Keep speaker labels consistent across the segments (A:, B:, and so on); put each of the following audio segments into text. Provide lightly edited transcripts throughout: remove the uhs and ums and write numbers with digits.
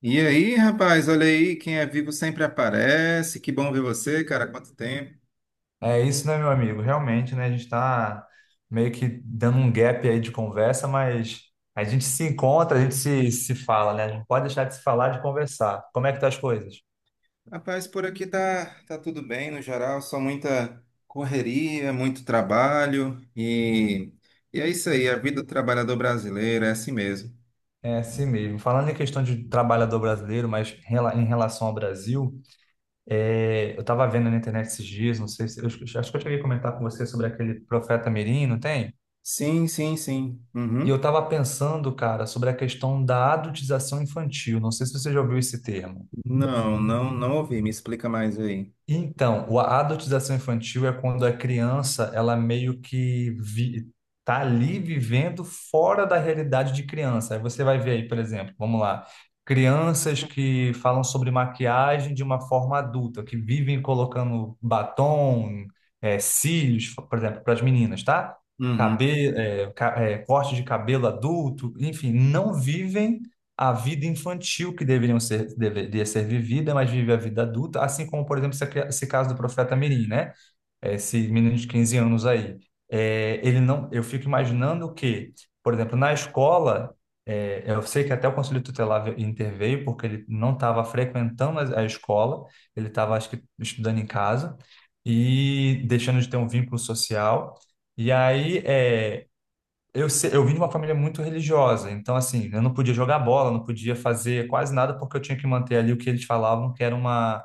A: E aí, rapaz, olha aí, quem é vivo sempre aparece. Que bom ver você, cara, quanto tempo.
B: É isso, né, meu amigo? Realmente, né? A gente está meio que dando um gap aí de conversa, mas a gente se encontra, a gente se fala, né? A gente não pode deixar de se falar, de conversar. Como é que tá as coisas?
A: Rapaz, por aqui tá tudo bem no geral, só muita correria, muito trabalho e é isso aí, a vida do trabalhador brasileiro é assim mesmo.
B: É assim mesmo. Falando em questão de trabalhador brasileiro, em relação ao Brasil, eu estava vendo na internet esses dias, não sei se... Eu acho que eu cheguei a comentar com você sobre aquele profeta Mirim, não tem?
A: Sim, sim, sim.
B: E eu
A: Uhum.
B: estava pensando, cara, sobre a questão da adultização infantil. Não sei se você já ouviu esse termo.
A: Não, não, não ouvi, me explica mais aí.
B: A adultização infantil é quando a criança, ela meio que vi, tá ali vivendo fora da realidade de criança. Aí você vai ver aí, por exemplo, vamos lá, crianças que falam sobre maquiagem de uma forma adulta, que vivem colocando batom, cílios, por exemplo, para as meninas, tá?
A: Uhum.
B: Cabelo, corte de cabelo adulto, enfim, não vivem a vida infantil que deveria ser vivida, mas vive a vida adulta, assim como, por exemplo, esse caso do profeta Mirim, né? Esse menino de 15 anos aí. É, ele não, eu fico imaginando que, por exemplo, na escola, eu sei que até o Conselho Tutelar interveio, porque ele não estava frequentando a escola, ele estava, acho que, estudando em casa e deixando de ter um vínculo social. E aí, é eu, se- Eu vim de uma família muito religiosa, então assim, eu não podia jogar bola, não podia fazer quase nada porque eu tinha que manter ali o que eles falavam que era uma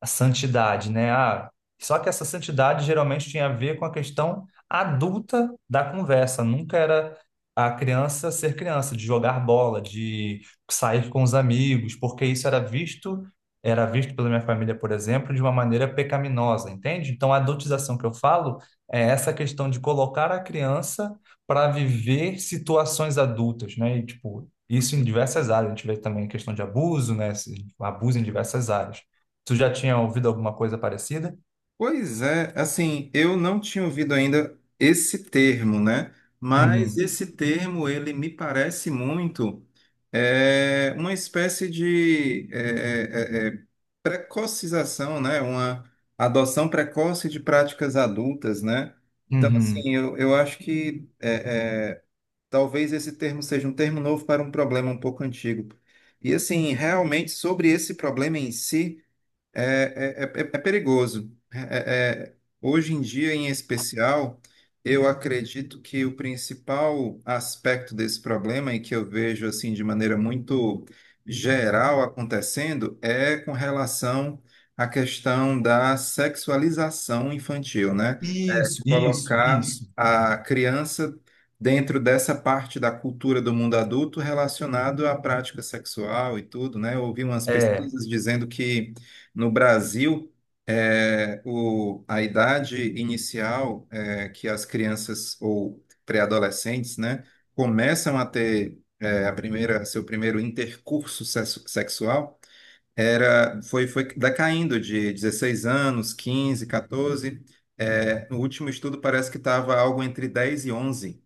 B: a santidade, né? Só que essa santidade geralmente tinha a ver com a questão adulta da conversa, nunca era a criança ser criança, de jogar bola, de sair com os amigos, porque era visto pela minha família, por exemplo, de uma maneira pecaminosa, entende? Então a adultização que eu falo é essa questão de colocar a criança para viver situações adultas, né? E, tipo, isso em diversas áreas. A gente vê também a questão de abuso, né? Esse abuso em diversas áreas. Tu já tinha ouvido alguma coisa parecida?
A: Pois é, assim, eu não tinha ouvido ainda esse termo, né? Mas
B: Uhum,
A: esse termo, ele me parece muito uma espécie de precocização, né? Uma adoção precoce de práticas adultas, né? Então,
B: uhum.
A: assim, eu acho que talvez esse termo seja um termo novo para um problema um pouco antigo. E, assim, realmente, sobre esse problema em si. É perigoso. Hoje em dia, em especial, eu acredito que o principal aspecto desse problema, e que eu vejo assim de maneira muito geral acontecendo, é com relação à questão da sexualização infantil, né?
B: Isso, isso,
A: Colocar
B: isso.
A: a criança dentro dessa parte da cultura do mundo adulto relacionado à prática sexual e tudo, né? Eu ouvi umas
B: É.
A: pesquisas dizendo que no Brasil a idade inicial que as crianças ou pré-adolescentes, né, começam a ter seu primeiro intercurso sexu- sexual... foi decaindo de 16 anos, 15, 14. É, no último estudo parece que estava algo entre 10 e 11.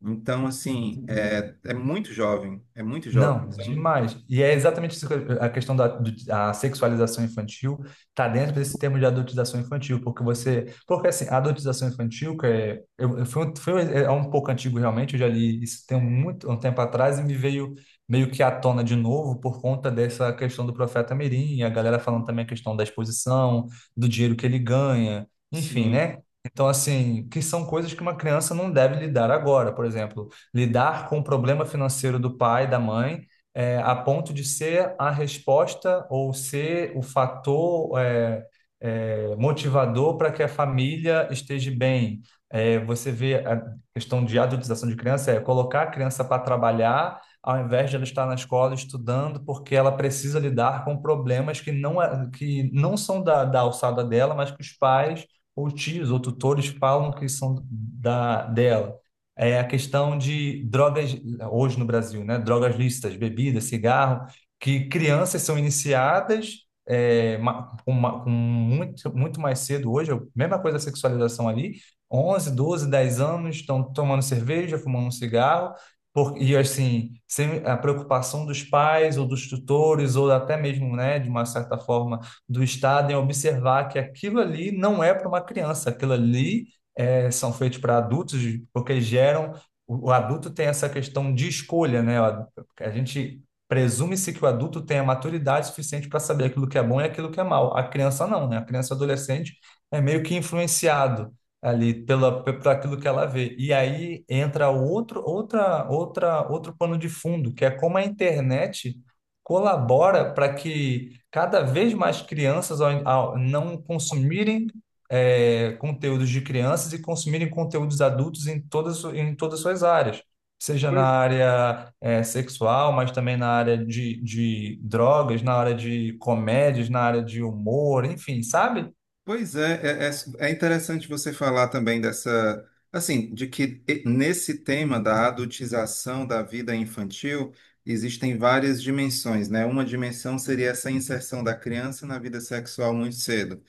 A: Então, assim, é muito jovem, é muito jovem.
B: Não,
A: Então,
B: demais. E é exatamente isso, a questão da sexualização infantil está dentro desse termo de adultização infantil, porque porque assim, a adultização infantil que é, eu- foi um- é um pouco antigo realmente, eu já li isso tem muito um tempo atrás e me veio meio que à tona de novo por conta dessa questão do Profeta Mirim, e a galera falando também a questão da exposição, do dinheiro que ele ganha, enfim,
A: sim.
B: né? Então, assim, que são coisas que uma criança não deve lidar agora, por exemplo lidar com o problema financeiro do pai, da mãe, a ponto de ser a resposta ou ser o fator motivador para que a família esteja bem. Você vê a questão de adultização de criança, é colocar a criança para trabalhar ao invés de ela estar na escola estudando, porque ela precisa lidar com problemas que não são da alçada dela, mas que os pais ou tios ou tutores falam que são dela é a questão de drogas, hoje no Brasil, né? Drogas lícitas, bebida, cigarro, que crianças são iniciadas com muito, muito mais cedo hoje, é a mesma coisa da sexualização ali, 11, 12, 10 anos estão tomando cerveja, fumando um cigarro, e assim, sem a preocupação dos pais ou dos tutores, ou até mesmo, né, de uma certa forma, do Estado em observar que aquilo ali não é para uma criança, aquilo ali são feitos para adultos, porque geram. O adulto tem essa questão de escolha, né? A gente presume-se que o adulto tenha maturidade suficiente para saber aquilo que é bom e aquilo que é mal. A criança não, né? A criança adolescente é meio que influenciado ali por aquilo que ela vê. E aí entra outro pano de fundo, que é como a internet colabora para que cada vez mais crianças, ao não consumirem conteúdos de crianças e consumirem conteúdos adultos em todas as suas áreas, seja na
A: Pois,
B: área sexual, mas também na área de drogas, na área de comédias, na área de humor, enfim, sabe?
A: pois é interessante você falar também dessa, assim, de que nesse tema da adultização da vida infantil existem várias dimensões, né? Uma dimensão seria essa inserção da criança na vida sexual muito cedo.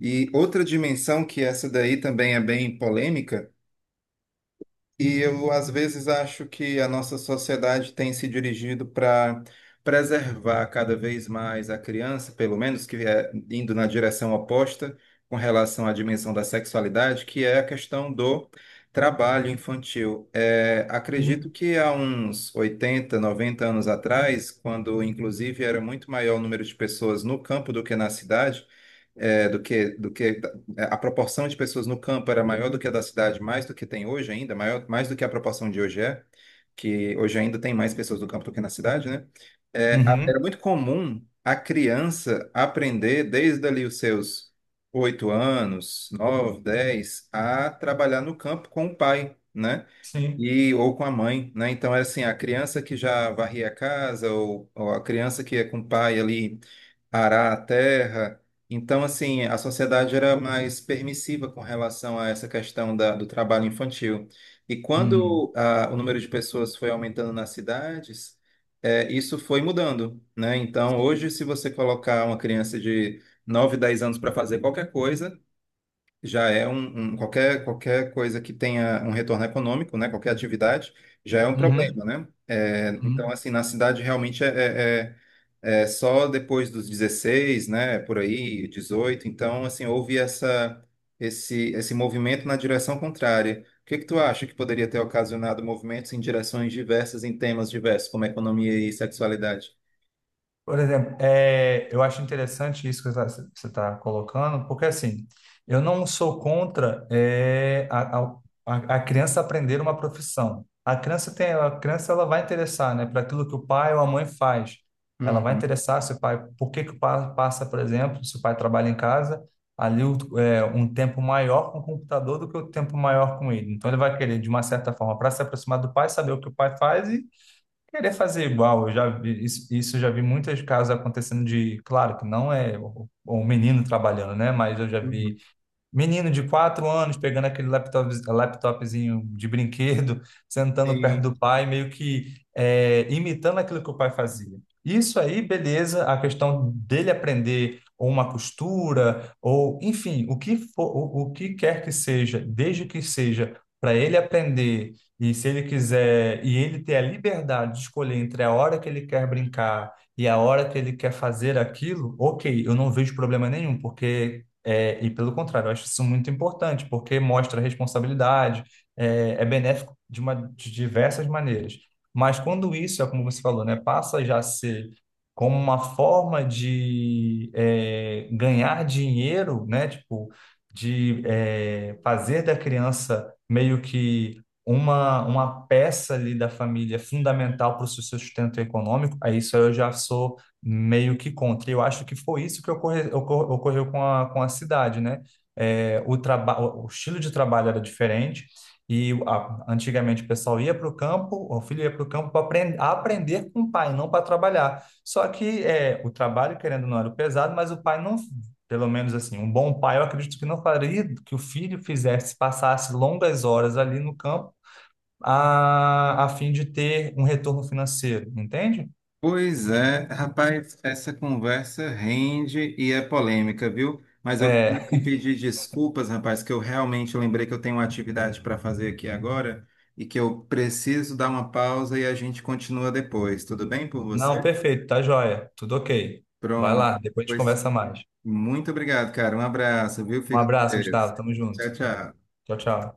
A: E outra dimensão, que essa daí também é bem polêmica, e eu às vezes acho que a nossa sociedade tem se dirigido para preservar cada vez mais a criança, pelo menos que é indo na direção oposta com relação à dimensão da sexualidade, que é a questão do trabalho infantil. É, acredito
B: Uhum.
A: que há uns 80, 90 anos atrás, quando inclusive era muito maior o número de pessoas no campo do que na cidade, do que a proporção de pessoas no campo era maior do que a da cidade, mais do que tem hoje ainda, maior, mais do que a proporção de hoje que hoje ainda tem mais pessoas no campo do que na cidade, né? É, era
B: Uhum.
A: muito comum a criança aprender desde ali os seus 8 anos, 9, 10, a trabalhar no campo com o pai, né?
B: Sim.
A: Ou com a mãe, né? Então, era assim, a criança que já varria a casa, ou a criança que ia com o pai ali arar a terra. Então, assim, a sociedade era mais permissiva com relação a essa questão do trabalho infantil. E
B: Uhum.
A: quando o número de pessoas foi aumentando nas cidades, isso foi mudando, né? Então, hoje,
B: Sim.
A: se você colocar uma criança de 9, 10 anos para fazer qualquer coisa, já é um, qualquer coisa que tenha um retorno econômico, né? Qualquer atividade já é um
B: Uhum.
A: problema, né? É, então,
B: Uhum.
A: assim, na cidade realmente é, é é só depois dos 16, né? Por aí, 18. Então, assim, houve essa, esse movimento na direção contrária. O que que tu acha que poderia ter ocasionado movimentos em direções diversas, em temas diversos, como economia e sexualidade?
B: Por exemplo, eu acho interessante isso que você está colocando, porque assim, eu não sou contra a criança aprender uma profissão. A criança tem, a criança ela vai interessar, né, para aquilo que o pai ou a mãe faz. Ela vai
A: Uhum,
B: interessar se o pai, por que que o pai passa, por exemplo, se o pai trabalha em casa, um tempo maior com o computador do que o tempo maior com ele. Então ele vai querer, de uma certa forma, para se aproximar do pai, saber o que o pai faz. Querer fazer igual, eu já vi isso, isso eu já vi muitos casos acontecendo de, claro que não é o menino trabalhando, né? Mas eu já vi
A: uhum.
B: menino de 4 anos pegando aquele laptop, laptopzinho de brinquedo, sentando perto
A: Sim.
B: do pai, imitando aquilo que o pai fazia. Isso aí, beleza, a questão dele aprender ou uma costura, ou enfim, o que for, o que quer que seja, desde que seja para ele aprender, e se ele quiser, e ele ter a liberdade de escolher entre a hora que ele quer brincar e a hora que ele quer fazer aquilo, ok, eu não vejo problema nenhum, porque e pelo contrário, eu acho isso muito importante, porque mostra responsabilidade, é benéfico de, uma, de diversas maneiras. Mas quando isso, é como você falou, né, passa já a ser como uma forma de ganhar dinheiro, né, tipo, de fazer da criança meio que uma peça ali da família fundamental para o seu sustento econômico, aí isso eu já sou meio que contra. E eu acho que foi isso que ocorreu com a cidade, né? O estilo de trabalho era diferente antigamente o pessoal ia para o campo, o filho ia para o campo para aprender, aprender com o pai, não para trabalhar. Só que o trabalho, querendo ou não, era pesado, mas o pai não, pelo menos assim, um bom pai, eu acredito que não faria que o filho fizesse, passasse longas horas ali no campo a fim de ter um retorno financeiro, entende?
A: Pois é, rapaz, essa conversa rende e é polêmica, viu? Mas eu tenho que
B: é
A: pedir desculpas, rapaz, que eu realmente lembrei que eu tenho uma atividade para fazer aqui agora e que eu preciso dar uma pausa e a gente continua depois. Tudo bem por
B: Não,
A: você?
B: perfeito, tá joia. Tudo ok. Vai
A: Pronto.
B: lá, depois a gente
A: Pois
B: conversa mais.
A: muito obrigado, cara. Um abraço, viu?
B: Um
A: Fica com
B: abraço, Gustavo.
A: Deus.
B: Tamo junto.
A: Tchau, tchau.
B: Tchau, tchau.